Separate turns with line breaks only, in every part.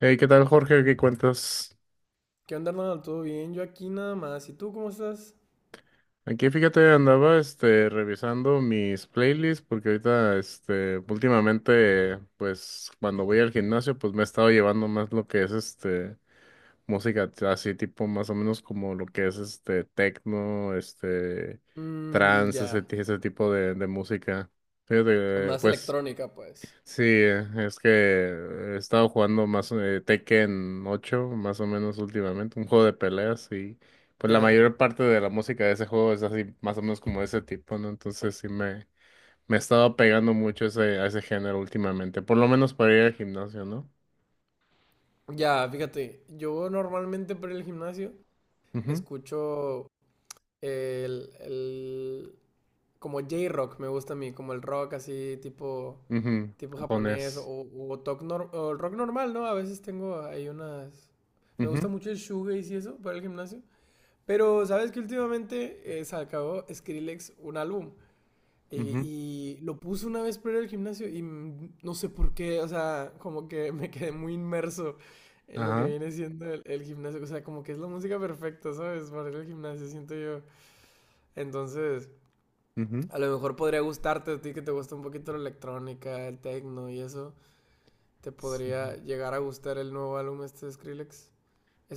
Hey, ¿qué tal, Jorge? ¿Qué cuentas?
¿Qué onda, Arnold? ¿Todo bien? Yo aquí nada más. ¿Y tú cómo estás?
Aquí, fíjate, andaba, revisando mis playlists porque ahorita, últimamente, pues, cuando voy al gimnasio, pues, me he estado llevando más lo que es, música así, tipo, más o menos como lo que es, techno,
Mmm,
trance,
ya.
ese tipo de música. Fíjate,
Más
pues.
electrónica, pues.
Sí, es que he estado jugando más Tekken ocho, más o menos últimamente, un juego de peleas y pues la
Ya.
mayor parte de la música de ese juego es así, más o menos como de ese tipo, ¿no? Entonces sí me he estado pegando mucho a ese género últimamente, por lo menos para ir al gimnasio, ¿no?
Ya, fíjate. Yo normalmente para el gimnasio
Ujú,
escucho el, el- como J-rock, me gusta a mí, como el rock así tipo
ujú,
tipo japonés
japonés.
o, toc nor- o el rock normal, ¿no? A veces tengo ahí unas, me gusta
Ujú,
mucho el shoegaze y eso para el gimnasio, pero sabes que últimamente sacó Skrillex un álbum. Eh,
ujú,
y lo puse una vez para ir al gimnasio y no sé por qué, o sea, como que me quedé muy inmerso en lo que
ajá.
viene siendo el gimnasio. O sea, como que es la música perfecta, ¿sabes? Para ir al gimnasio, siento yo. Entonces,
Ujú.
a lo mejor podría gustarte a ti que te gusta un poquito la electrónica, el techno y eso. Te
Sí,
podría llegar a gustar el nuevo álbum este de Skrillex.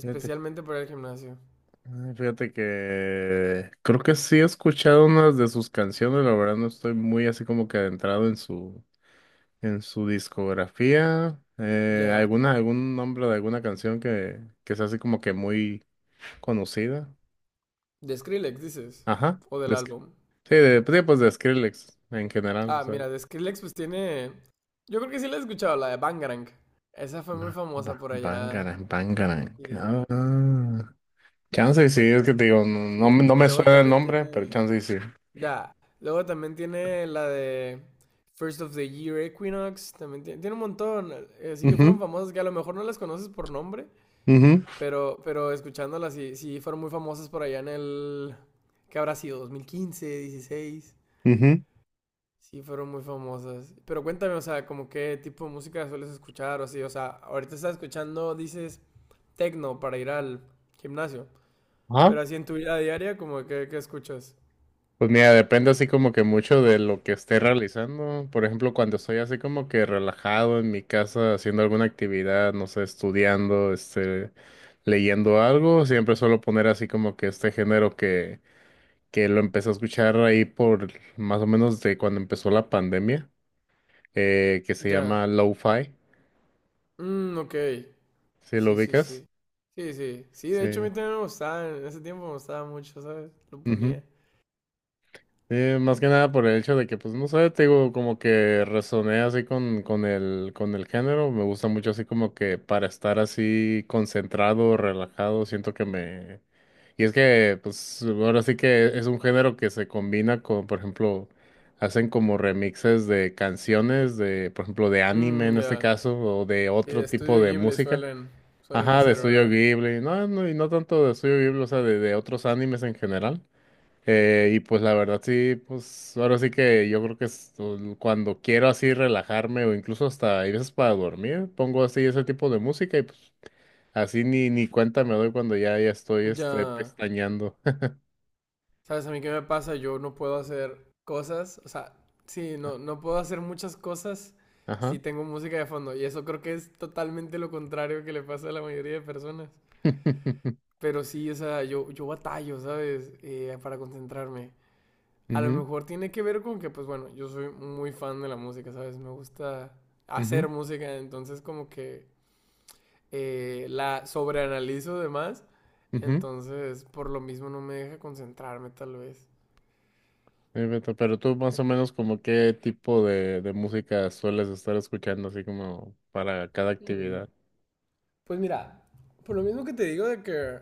fíjate.
para el gimnasio.
Ay, fíjate que creo que sí he escuchado unas de sus canciones, la verdad no estoy muy así como que adentrado en su discografía.
Ya.
Alguna algún nombre de alguna canción que sea así como que muy conocida.
¿De Skrillex dices?
Ajá,
¿O del álbum?
sí, pues sí, pues de Skrillex en general, o
Ah,
sea.
mira, de Skrillex pues tiene... Yo creo que sí la he escuchado, la de Bangarang. Esa fue muy famosa por allá.
Bangarang, Bangarang.
Y
Ah, ah. Chance y sí,
fue...
es que te digo, no, no me
Sí,
no
y
me
luego
suena el
también
nombre, pero
tiene...
chance y sí.
Ya, luego también tiene la de First of the Year Equinox. También tiene un montón. Así que fueron
Ujú,
famosas que a lo mejor no las conoces por nombre,
ujú,
pero escuchándolas sí, sí fueron muy famosas por allá en el... ¿Qué habrá sido? 2015, dieciséis.
ujú.
Sí, fueron muy famosas. Pero cuéntame, o sea, como qué tipo de música sueles escuchar o así. O sea, ahorita estás escuchando, dices, tecno para ir al gimnasio.
Ajá.
Pero así en tu vida diaria, como que, ¿qué escuchas?
Pues mira, depende así como que mucho de lo que esté realizando. Por ejemplo, cuando estoy así como que relajado en mi casa haciendo alguna actividad, no sé, estudiando, leyendo algo, siempre suelo poner así como que este género que lo empecé a escuchar ahí por más o menos de cuando empezó la pandemia, que se
Ya.
llama lo-fi,
Mm, ok.
¿sí lo
Sí, sí,
ubicas?
sí. Sí, sí. Sí, de hecho a
Sí.
mí también me gustaba. En ese tiempo me gustaba mucho, ¿sabes? Lo
Ujú.
ponía.
Sí, más que nada por el hecho de que, pues, no sé, te digo, como que resoné así con el género. Me gusta mucho así como que para estar así concentrado, relajado, siento que me. Y es que, pues, ahora sí que es un género que se combina con, por ejemplo, hacen como remixes de canciones de, por ejemplo, de anime
Mm,
en este
ya.
caso, o de
Y de
otro
estudio
tipo de
Ghibli
música.
suelen, suelen
Ajá, de, ujú,
hacer,
estudio
¿verdad?
Ghibli. No, no, y no tanto de estudio Ghibli, o sea, de otros animes en general. Y pues la verdad sí, pues ahora sí que yo creo que es cuando quiero así relajarme o incluso hasta hay veces para dormir, pongo así ese tipo de música y pues así ni cuenta me doy cuando ya estoy
Ya.
pestañeando.
¿Sabes a mí qué me pasa? Yo no puedo hacer cosas, o sea, sí, no, no puedo hacer muchas cosas si
Ajá.
tengo música de fondo. Y eso creo que es totalmente lo contrario que le pasa a la mayoría de personas. Pero sí, o sea, yo batallo, ¿sabes? Para concentrarme. A lo
Ujú,
mejor tiene que ver con que, pues bueno, yo soy muy fan de la música, ¿sabes? Me gusta hacer
ujú,
música, entonces como que la sobreanalizo de más.
ujú.
Entonces, por lo mismo no me deja concentrarme tal vez.
Beto, pero tú más o menos como qué tipo de música sueles estar escuchando así como para cada
Mm.
actividad.
Pues mira, por lo mismo que te digo de que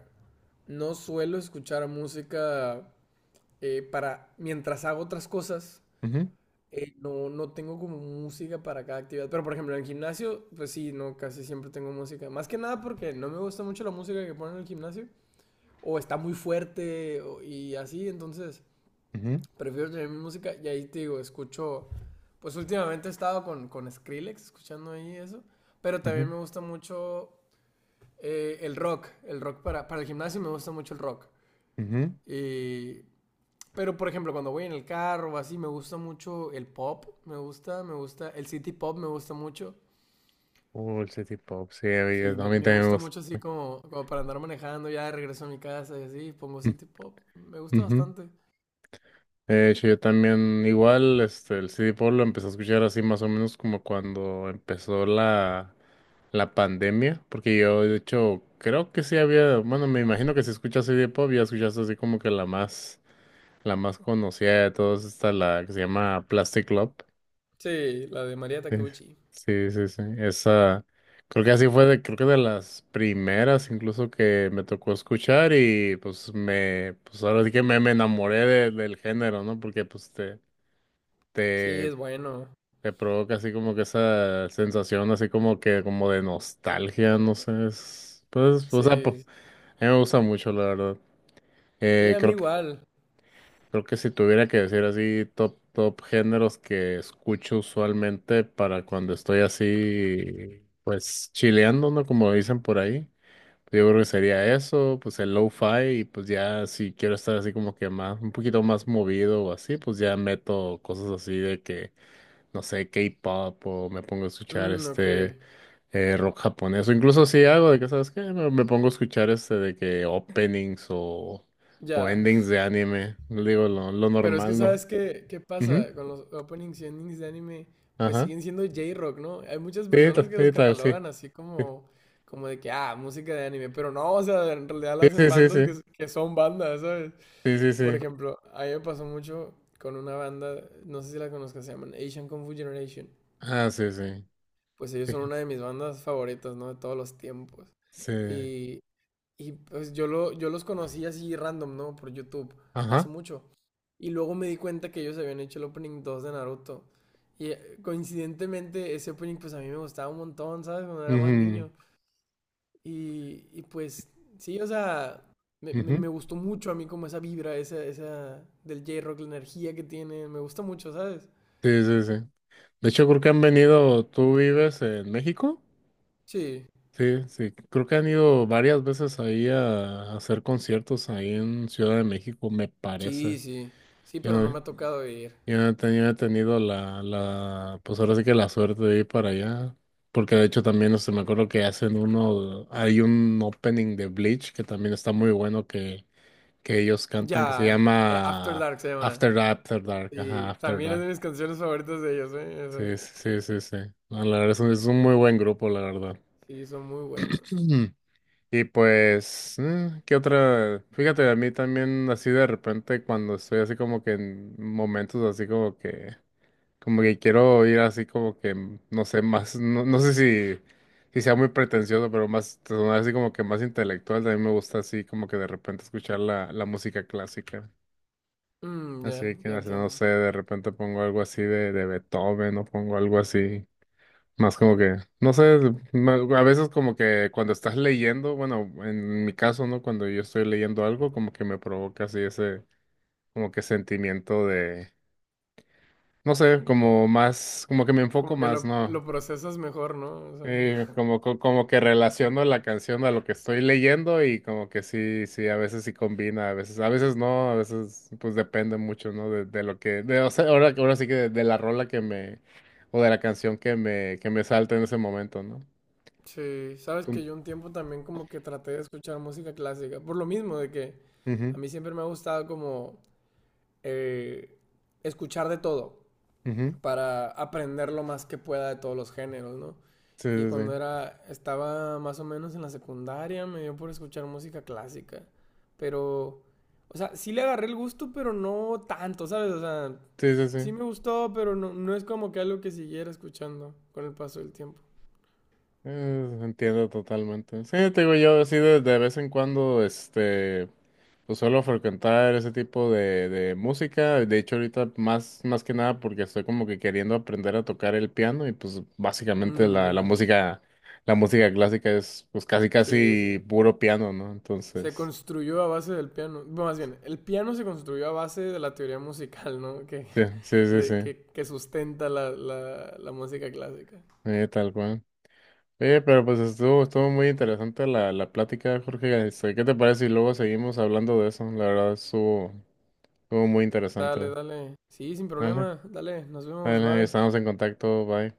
no suelo escuchar música para mientras hago otras cosas,
Ujú,
no, no tengo como música para cada actividad. Pero por ejemplo, en el gimnasio, pues sí, no, casi siempre tengo música. Más que nada porque no me gusta mucho la música que ponen en el gimnasio, o está muy fuerte o- y así, entonces
ujú,
prefiero tener mi música y ahí te digo, escucho, pues últimamente he estado con Skrillex, escuchando ahí eso. Pero
ujú,
también me gusta mucho el rock para el gimnasio me gusta mucho el rock.
ujú.
Y, pero por ejemplo, cuando voy en el carro o así, me gusta mucho el pop, el city pop me gusta mucho.
Oh, el city pop, sí, a mí a
Sí, me,
mí
me
también me
gusta
gusta.
mucho así como, como para andar manejando ya de regreso a mi casa y así, pongo city pop. Me gusta
Ujú.
bastante.
De hecho, yo también, igual, el CD Pop lo empecé a escuchar así más o menos como cuando empezó la pandemia, porque yo, de hecho, creo que sí había, bueno, me imagino que si escuchas CD Pop ya escuchaste así como que la más conocida de todas, está la que se llama Plastic Love.
Sí, la de María
Sí,
Takeuchi.
sí, sí, sí, esa, creo que así fue, creo que de las primeras incluso que me tocó escuchar y pues pues ahora sí que me enamoré del género, ¿no? Porque pues
Sí,
te,
es bueno.
te provoca así como que esa sensación así como que como de nostalgia, no sé, pues, o sea,
Sí,
a mí me gusta mucho, la verdad.
sí,
Eh,
a mí
creo que,
igual.
creo que si tuviera que decir así top, top géneros que escucho usualmente para cuando estoy así, pues chileando, ¿no? Como dicen por ahí. Yo creo que sería eso, pues el lo-fi, y pues ya si quiero estar así como que más, un poquito más movido o así, pues ya meto cosas así de que no sé, K-pop o me pongo a escuchar
Mm, ok,
rock japonés o incluso si hago de que, ¿sabes qué? Me pongo a escuchar de que openings o
ya.
endings de anime, digo lo
Pero es que
normal, ¿no?
sabes qué, qué
Ujú,
pasa con los openings y endings de anime, pues
ajá.
siguen siendo J-Rock, ¿no? Hay muchas
Sí,
personas que los
sí, tal, sí.
catalogan así como, como de que, ah, música de anime, pero no, o sea, en realidad
Sí,
las hacen
sí, sí,
bandas
sí.
que, que son bandas, ¿sabes?
Sí, sí, sí,
Por
sí.
ejemplo, a mí me pasó mucho con una banda, no sé si la conozcas, se llaman Asian Kung Fu Generation.
Ah, sí, sí.
Pues ellos
Sí,
son una de mis bandas favoritas, ¿no? De todos los tiempos.
sí.
Y pues yo, lo, yo los conocí así random, ¿no? Por YouTube, hace
Ajá.
mucho. Y luego me di cuenta que ellos habían hecho el opening 2 de Naruto. Y coincidentemente ese opening pues a mí me gustaba un montón, ¿sabes? Cuando era más
Ujú,
niño. Y pues sí, o sea, me, me,
ujú.
me gustó mucho a mí como esa vibra, esa del J-Rock, la energía que tiene, me gusta mucho, ¿sabes?
Sí, sí, sí. De hecho, creo que han venido, ¿tú vives en México?
Sí,
Sí, sí, creo que han ido varias veces ahí a hacer conciertos ahí en Ciudad de México, me parece.
sí, sí, sí,
Yo
pero
no,
no me ha tocado ir.
yo no he tenido, pues ahora sí que la suerte de ir para allá, porque de hecho también, me acuerdo que hacen uno, hay un opening de Bleach que también está muy bueno que, ellos cantan, que se
Ya, After
llama
Dark se llama.
After Dark, After Dark, ajá,
Sí,
After
también es de
Dark.
mis canciones favoritas de ellos, ¿eh? Eso.
Sí, sí, sí, sí, sí. No, la verdad es un muy buen grupo, la verdad.
Sí, son muy buenos.
Y pues, ¿qué otra? Fíjate, a mí también así de repente cuando estoy así como que en momentos así como que quiero ir así como que, no sé, más, no, no sé si sea muy pretencioso, pero más, sonar así como que más intelectual, también me gusta así como que de repente escuchar la música clásica.
Mm, ya,
Así que,
ya
no sé, no
entiendo.
sé, de repente pongo algo así de Beethoven o pongo algo así. Más como que, no sé, a veces como que cuando estás leyendo, bueno, en mi caso, ¿no? Cuando yo estoy leyendo algo, como que me provoca así ese, como que sentimiento de, no sé, como más, como que me enfoco
Como que
más, ¿no?
lo procesas mejor, ¿no? O sea,
Como que relaciono la canción a lo que estoy leyendo y como que sí, sí, a veces sí combina, a veces no, a veces pues depende mucho, ¿no? De lo que, o sea, ahora sí que de la rola o de la canción que me salta en ese momento, ¿no?
sí, sabes
Tú-
que yo un tiempo también como que traté de escuchar música clásica, por lo mismo de que a
ujú.
mí siempre me ha gustado como eh, escuchar de todo
Ujú,
para aprender lo más que pueda de todos los géneros, ¿no?
sí,
Y
sí,
cuando
sí.
era, estaba más o menos en la secundaria, me dio por escuchar música clásica, pero, o sea, sí le agarré el gusto, pero no tanto, ¿sabes? O sea,
Sí, sí,
sí
sí.
me gustó, pero no, no es como que algo que siguiera escuchando con el paso del tiempo.
Entiendo totalmente. Sí, te digo yo, así de vez en cuando, pues suelo frecuentar ese tipo de música. De hecho, ahorita más que nada porque estoy como que queriendo aprender a tocar el piano y pues básicamente
Mm, ya,
la música clásica es pues casi
sí, sí.
casi puro piano, ¿no?
Se
Entonces,
construyó a base del piano. Bueno, más bien, el piano se construyó a base de la teoría musical, ¿no? Que,
sí, sí, sí, sí.
que sustenta la, la, la música clásica.
Tal cual. Oye, pero pues estuvo muy interesante la plática, Jorge. ¿Qué te parece? Si luego seguimos hablando de eso. La verdad, estuvo muy
Dale,
interesante.
dale. Sí, sin
Vale,
problema. Dale, nos vemos,
vale,
bye.
estamos en contacto. Bye.